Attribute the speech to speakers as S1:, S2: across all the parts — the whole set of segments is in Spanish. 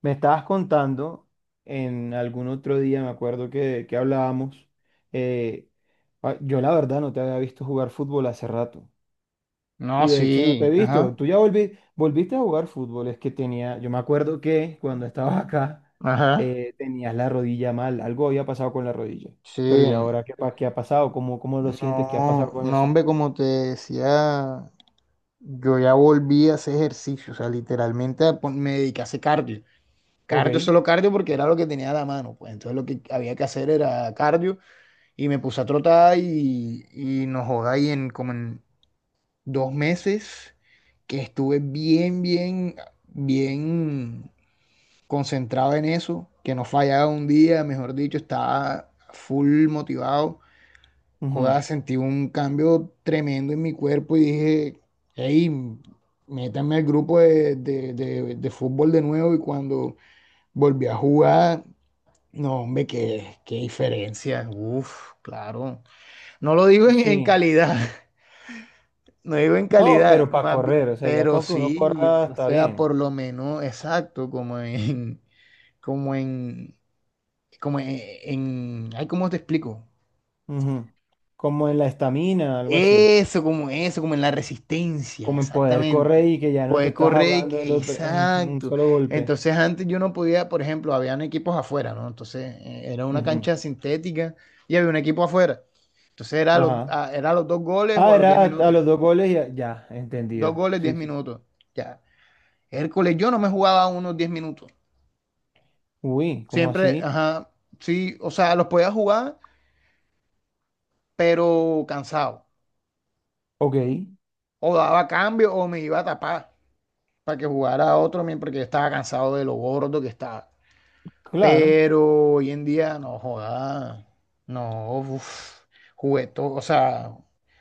S1: Me estabas contando en algún otro día, me acuerdo que hablábamos, eh, yo la verdad no te había visto jugar fútbol hace rato. Y
S2: No,
S1: de hecho no te he
S2: sí,
S1: visto.
S2: ajá,
S1: Tú ya volviste a jugar fútbol. Es que tenía, yo me acuerdo que cuando estabas acá
S2: ajá,
S1: tenías la rodilla mal. Algo había pasado con la rodilla. Pero
S2: sí,
S1: ¿y ahora qué, qué ha pasado? ¿Cómo lo sientes? ¿Qué ha
S2: no,
S1: pasado con
S2: no,
S1: eso?
S2: hombre, como te decía, yo ya volví a hacer ejercicio, o sea, literalmente me dediqué a hacer cardio, cardio,
S1: Ok.
S2: solo cardio porque era lo que tenía a la mano, pues entonces lo que había que hacer era cardio y me puse a trotar y no joda, y en como en 2 meses que estuve bien, bien, bien, concentrado en eso, que no fallaba un día, mejor dicho, estaba full motivado. Joder,
S1: Ujú.
S2: sentí un cambio tremendo en mi cuerpo y dije, hey, métanme al grupo de fútbol de nuevo y cuando volví a jugar, no, hombre, qué diferencia. Uf, claro. No lo digo en
S1: Sí.
S2: calidad, no digo en
S1: No,
S2: calidad,
S1: pero para correr, o sea, ya
S2: pero
S1: con que uno
S2: sí,
S1: corra
S2: o
S1: está
S2: sea,
S1: bien.
S2: por lo menos, exacto, como en, como en, ay, ¿cómo te explico?
S1: Ujú. Como en la estamina, algo así.
S2: Eso, como en la resistencia,
S1: Como en poder correr
S2: exactamente.
S1: y que ya no te
S2: Poeco
S1: estás
S2: Rey,
S1: ahogando en, en un
S2: exacto.
S1: solo golpe.
S2: Entonces antes yo no podía, por ejemplo, habían equipos afuera, ¿no? Entonces era una
S1: Ujú.
S2: cancha sintética y había un equipo afuera. Entonces
S1: Ajá.
S2: era a los 2 goles o
S1: Ah,
S2: a los 10
S1: era a,
S2: minutos.
S1: los dos goles y ya,
S2: Dos
S1: entendido.
S2: goles,
S1: Sí,
S2: 10
S1: sí.
S2: minutos. Ya. Hércules, yo no me jugaba unos 10 minutos.
S1: Uy, ¿cómo
S2: Siempre,
S1: así?
S2: ajá, sí, o sea, los podía jugar, pero cansado.
S1: Ok,
S2: O daba cambio o me iba a tapar. Para que jugara otro, men, porque yo estaba cansado de lo gordo que estaba.
S1: claro.
S2: Pero hoy en día, no joda, no, uf, jugué todo, o sea,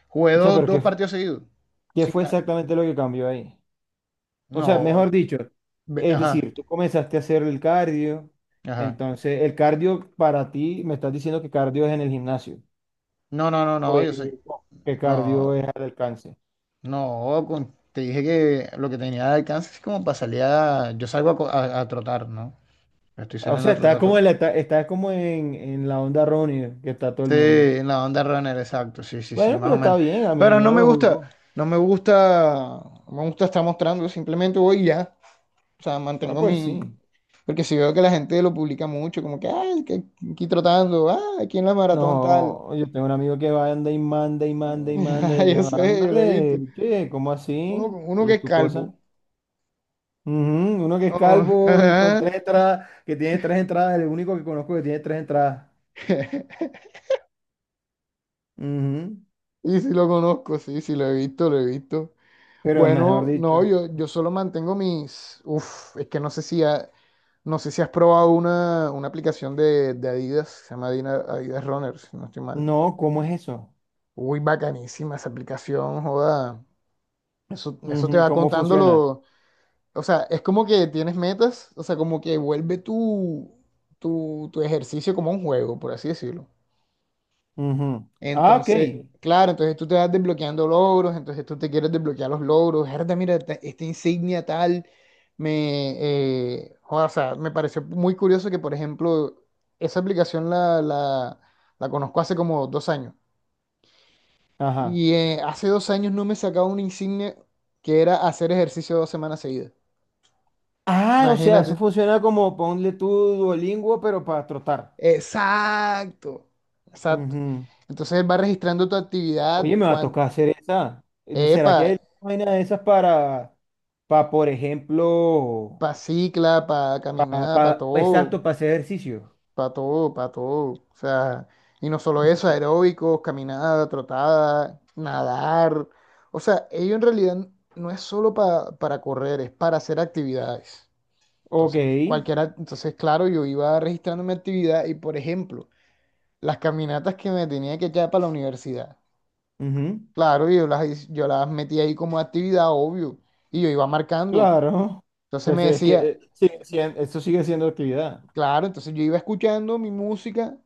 S2: jugué
S1: O sea,
S2: dos,
S1: pero
S2: dos
S1: ¿qué,
S2: partidos seguidos.
S1: qué
S2: Sin
S1: fue
S2: ca-
S1: exactamente lo que cambió ahí? O sea, mejor
S2: no,
S1: dicho, es
S2: ajá,
S1: decir, tú comenzaste a hacer el cardio.
S2: ajá.
S1: Entonces, el cardio para ti, me estás diciendo que cardio es en el gimnasio.
S2: No, no, no,
S1: O
S2: no, yo sé,
S1: el- que
S2: no,
S1: cardio es al alcance.
S2: no, te dije que lo que tenía de alcance es como para salir a, yo salgo a, a trotar, ¿no? Estoy
S1: O
S2: saliendo
S1: sea,
S2: a
S1: está como
S2: trotar.
S1: en la, está, como en la onda errónea que está todo el
S2: Sí,
S1: mundo.
S2: en la onda runner, exacto, sí, sí, sí,
S1: Bueno,
S2: más
S1: pero
S2: o
S1: está
S2: menos.
S1: bien, a mí
S2: Pero
S1: yo
S2: no
S1: no
S2: me
S1: lo
S2: gusta,
S1: juzgo.
S2: no me gusta, no me gusta estar mostrando, simplemente voy y ya. O sea,
S1: Ah,
S2: mantengo
S1: pues sí.
S2: mi. Porque si veo que la gente lo publica mucho, como que, ay, que aquí trotando, ah, aquí en la maratón tal.
S1: No, yo tengo un amigo que va, anda y manda y manda y manda. Y
S2: Ay, yo
S1: yo,
S2: sé, yo lo he visto.
S1: ándale, che, ¿cómo
S2: Uno,
S1: así?
S2: uno
S1: ¿Cuál
S2: que
S1: es
S2: es
S1: tu cosa?
S2: calvo.
S1: Ujú. Uno que es
S2: Oh,
S1: calvo, con
S2: ajá.
S1: tres entradas, que tiene tres entradas, el único que conozco que tiene tres entradas. Ujú.
S2: Y si lo conozco, sí, sí, lo he visto, lo he visto.
S1: Pero es mejor
S2: Bueno,
S1: dicho.
S2: no, yo solo mantengo mis. Uf, es que no sé si, no sé si has probado una aplicación de Adidas, se llama Adidas Runner, si no estoy mal.
S1: No, ¿cómo es eso?
S2: Uy, bacanísima esa aplicación, joda. Eso te
S1: Ujú.
S2: va
S1: ¿Cómo
S2: contando
S1: funciona?
S2: lo. O sea, es como que tienes metas, o sea, como que vuelve tu ejercicio como un juego, por así decirlo.
S1: Ujú. Ah, ok.
S2: Entonces, claro, entonces tú te vas desbloqueando logros, entonces tú te quieres desbloquear los logros. Herda, mira, te- esta insignia tal, me, joda, o sea, me pareció muy curioso que, por ejemplo, esa aplicación la conozco hace como 2 años.
S1: Ajá.
S2: Y hace 2 años no me sacaba una insignia que era hacer ejercicio 2 semanas seguidas.
S1: Ah, o sea, eso
S2: Imagínate.
S1: funciona como ponle tu Duolingo, pero para trotar.
S2: Exacto. Exacto.
S1: Ujú.
S2: Entonces él va registrando tu
S1: Oye,
S2: actividad,
S1: me va a tocar hacer esa. ¿Será
S2: epa,
S1: que hay vaina de esas para, por ejemplo,
S2: para cicla, para caminada, para todo,
S1: exacto, para hacer ejercicio?
S2: para todo, para todo. O sea, y no solo eso,
S1: Ujú.
S2: aeróbicos, caminada, trotada, nadar. O sea, ello en realidad no es solo para correr, es para hacer actividades.
S1: Ok.
S2: Entonces, cualquiera, entonces, claro, yo iba registrando mi actividad y, por ejemplo, las caminatas que me tenía que echar para la universidad.
S1: Ujú.
S2: Claro, yo las metí ahí como actividad, obvio, y yo iba marcando.
S1: Claro.
S2: Entonces
S1: Pues
S2: me
S1: es que
S2: decía,
S1: eso sigue siendo actividad.
S2: claro, entonces yo iba escuchando mi música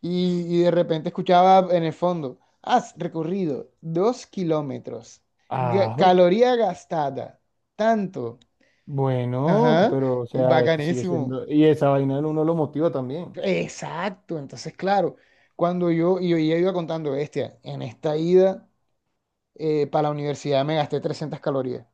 S2: y de repente escuchaba en el fondo, has recorrido 2 kilómetros,
S1: Ah,
S2: caloría gastada, tanto,
S1: bueno,
S2: ajá,
S1: pero o
S2: y
S1: sea, es que sigue
S2: bacanísimo.
S1: siendo. Y esa vaina uno lo motiva también.
S2: Exacto, entonces claro, cuando yo, y yo ya iba contando, bestia, en esta ida para la universidad me gasté 300 calorías,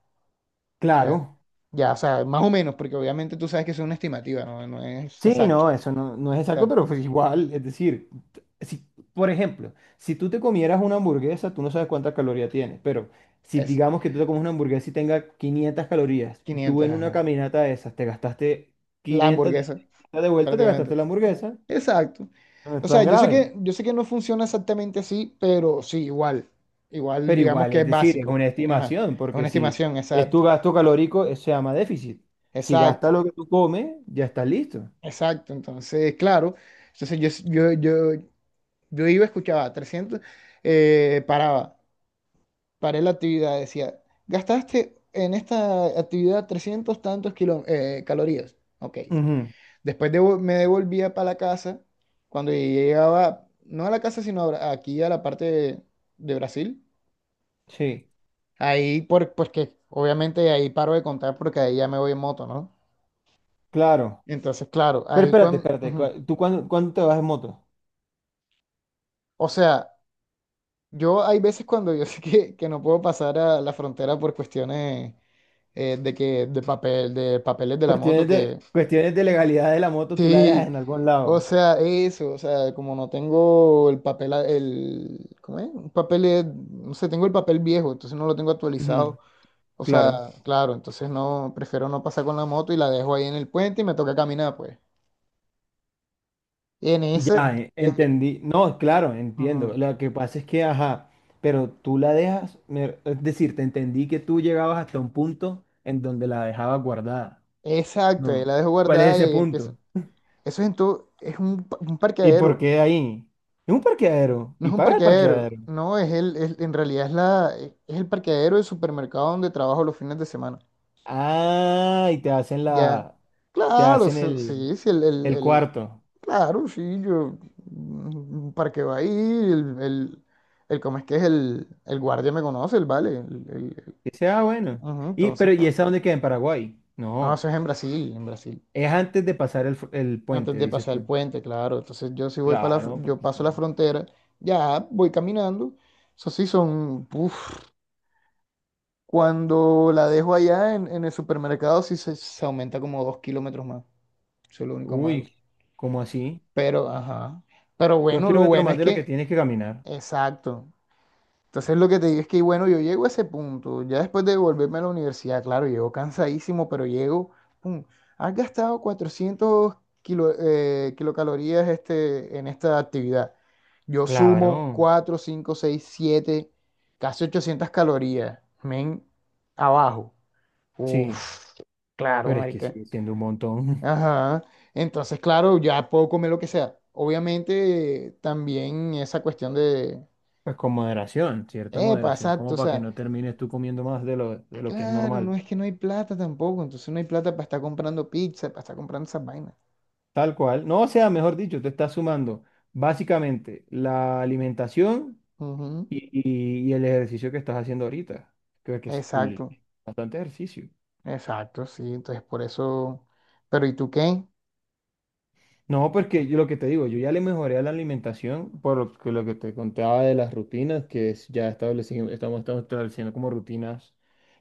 S2: ya,
S1: Claro.
S2: ya, o sea, más o menos, porque obviamente tú sabes que es una estimativa, no, no es
S1: Sí,
S2: exacto,
S1: no, eso no es exacto,
S2: exacto,
S1: pero pues igual, es decir, si, por ejemplo, si tú te comieras una hamburguesa, tú no sabes cuántas calorías tiene, pero si
S2: es
S1: digamos que tú te comes una hamburguesa y tenga 500 calorías y tú
S2: 500,
S1: en una
S2: ajá,
S1: caminata de esas te gastaste
S2: la
S1: 500
S2: hamburguesa,
S1: de vuelta, te gastaste
S2: prácticamente.
S1: la hamburguesa,
S2: Exacto.
S1: no es
S2: O sea,
S1: tan grave,
S2: yo sé que no funciona exactamente así, pero sí, igual. Igual,
S1: pero
S2: digamos
S1: igual,
S2: que
S1: es
S2: es
S1: decir, es
S2: básico.
S1: una
S2: Ajá.
S1: estimación,
S2: Es
S1: porque
S2: una
S1: si
S2: estimación,
S1: es tu
S2: exacto.
S1: gasto calórico, eso se llama déficit. Si gastas
S2: Exacto,
S1: lo que tú comes, ya estás listo.
S2: exacto. Entonces, claro. Entonces, yo iba, escuchaba 300 paraba, paré la actividad, decía, gastaste en esta actividad 300 tantos calorías. Ok.
S1: Ujú.
S2: Después me devolvía para la casa. Cuando llegaba, no a la casa, sino a aquí a la parte de Brasil.
S1: Sí,
S2: Ahí, por, pues que obviamente ahí paro de contar porque ahí ya me voy en moto, ¿no?
S1: claro.
S2: Entonces, claro,
S1: Pero
S2: ahí
S1: espérate,
S2: cuando...
S1: espérate, ¿tú cuándo, te vas en moto?
S2: O sea, yo hay veces cuando yo sé que no puedo pasar a la frontera por cuestiones de que de papel, de papeles de la moto, que
S1: Cuestiones de legalidad de la moto, tú la dejas
S2: sí,
S1: en algún
S2: o
S1: lado.
S2: sea, eso, o sea, como no tengo el papel, el, ¿cómo es? Un papel, no sé, tengo el papel viejo, entonces no lo tengo
S1: Ujú.
S2: actualizado. O
S1: Claro.
S2: sea, claro, entonces no, prefiero no pasar con la moto y la dejo ahí en el puente y me toca caminar, pues. Y en ese,
S1: Ya, entendí. No, claro, entiendo.
S2: ujú,
S1: Lo que pasa es que, ajá, pero tú la dejas, es decir, te entendí que tú llegabas hasta un punto en donde la dejabas guardada.
S2: exacto, ahí
S1: No.
S2: la dejo
S1: ¿Y cuál es
S2: guardada y
S1: ese
S2: ahí empiezo.
S1: punto?
S2: Eso es en todo, es un, un
S1: ¿Y por
S2: parqueadero,
S1: qué ahí? Es un parqueadero
S2: no
S1: y
S2: es un
S1: paga el
S2: parqueadero,
S1: parqueadero.
S2: no, es el, en realidad es la, es el parqueadero del supermercado donde trabajo los fines de semana.
S1: Ah, y
S2: Ya,
S1: te
S2: claro,
S1: hacen
S2: sí,
S1: el,
S2: sí, sí,
S1: el
S2: el-
S1: cuarto.
S2: claro, sí, yo, mm, para que va ahí, el, ¿cómo es que es? El guardia me conoce, el vale, el-
S1: Dice, ah, bueno.
S2: ujú,
S1: Y,
S2: entonces,
S1: pero, ¿y esa dónde queda? ¿En Paraguay?
S2: no,
S1: No.
S2: eso es en Brasil,
S1: Es antes de pasar el
S2: antes
S1: puente,
S2: de
S1: dices
S2: pasar el
S1: tú.
S2: puente, claro, entonces yo sí voy para
S1: Claro,
S2: yo
S1: porque sí.
S2: paso la frontera, ya, voy caminando, eso sí son, uf, cuando la dejo allá en el supermercado, sí se aumenta como 2 kilómetros más, eso es lo único malo.
S1: Uy, ¿cómo así?
S2: Pero, ajá. Pero
S1: Dos
S2: bueno, lo
S1: kilómetros
S2: bueno
S1: más
S2: es
S1: de lo que
S2: que,
S1: tienes que caminar.
S2: exacto. Entonces lo que te digo es que, bueno, yo llego a ese punto, ya después de volverme a la universidad, claro, llego cansadísimo, pero llego, pum, has gastado 400 kilocalorías este, en esta actividad. Yo sumo
S1: Claro,
S2: 4 5 6 7 casi 800 calorías, men, abajo.
S1: sí.
S2: Uf, claro,
S1: Pero es que
S2: marica.
S1: sigue siendo un montón.
S2: Ajá. Entonces, claro, ya puedo comer lo que sea. Obviamente, también esa cuestión de,
S1: Pues con moderación, cierta
S2: epa,
S1: moderación,
S2: exacto,
S1: como
S2: o
S1: para que
S2: sea,
S1: no termines tú comiendo más de lo, que es
S2: claro, no
S1: normal.
S2: es que no hay plata tampoco, entonces no hay plata para estar comprando pizza, para estar comprando esas vainas.
S1: Tal cual. No, o sea, mejor dicho, te estás sumando básicamente la alimentación.
S2: Ujú.
S1: Y el ejercicio que estás haciendo ahorita, creo que es cool.
S2: Exacto,
S1: Bastante ejercicio.
S2: exacto, sí, entonces por eso, pero ¿y tú qué?
S1: No, porque yo lo que te digo, yo ya le mejoré a la alimentación por lo que te contaba de las rutinas, ya establecimos, estamos estableciendo como rutinas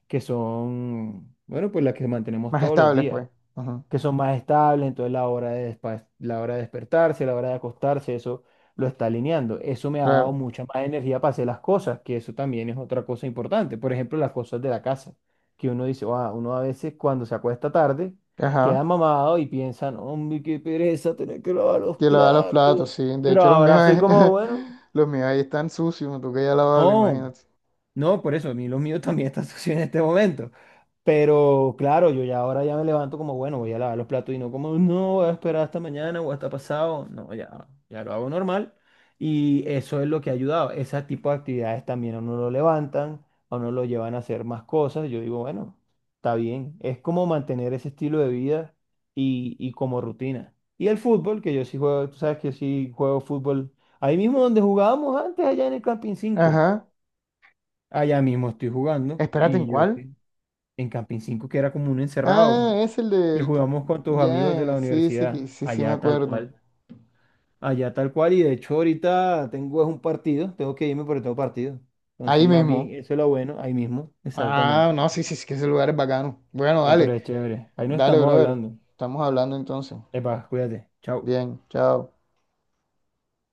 S1: que son, bueno, pues las que mantenemos
S2: Más
S1: todos los
S2: estable,
S1: días.
S2: pues. Ujú.
S1: Que son más estables, entonces la hora de despertarse, la hora de acostarse, eso lo está alineando. Eso me ha dado
S2: Claro,
S1: mucha más energía para hacer las cosas, que eso también es otra cosa importante. Por ejemplo, las cosas de la casa, que uno dice, "Ah, uno a veces cuando se acuesta tarde, queda
S2: ajá.
S1: mamado y piensan, hombre, qué pereza tener que lavar los
S2: Que lava los
S1: platos".
S2: platos, sí, de
S1: Pero
S2: hecho los míos,
S1: ahora soy
S2: es-
S1: como, bueno,
S2: los míos ahí están sucios, tú que ya lavado,
S1: no.
S2: imagínate.
S1: No, por eso, a mí los míos también están sucios en este momento. Pero claro, yo ya ahora ya me levanto como, bueno, voy a lavar los platos y no como, no, voy a esperar hasta mañana o hasta pasado. No, ya, ya lo hago normal. Y eso es lo que ha ayudado. Ese tipo de actividades también a uno lo levantan, a uno lo llevan a hacer más cosas. Yo digo, bueno, está bien. Es como mantener ese estilo de vida y, como rutina. Y el fútbol, que yo sí juego, tú sabes que yo sí juego fútbol. Ahí mismo donde jugábamos antes, allá en el Camping 5.
S2: Ajá.
S1: Allá mismo estoy jugando
S2: Espérate, ¿en
S1: y
S2: cuál?
S1: en Camping 5 que era como un
S2: Ah,
S1: encerrado,
S2: es el
S1: que
S2: del...
S1: jugamos con tus amigos de la
S2: Ya, sí, sí, que-
S1: universidad,
S2: sí, sí, me acuerdo.
S1: allá tal cual y de hecho ahorita tengo es un partido, tengo que irme porque tengo partido. Entonces
S2: Ahí
S1: más bien
S2: mismo.
S1: eso es lo bueno, ahí mismo,
S2: Ah,
S1: exactamente.
S2: no, sí, sí, sí, que ese lugar es bacano. Bueno,
S1: No, pero
S2: dale,
S1: es chévere, ahí no
S2: dale,
S1: estamos
S2: brother.
S1: hablando.
S2: Estamos hablando entonces.
S1: Epa, cuídate, chao.
S2: Bien, chao.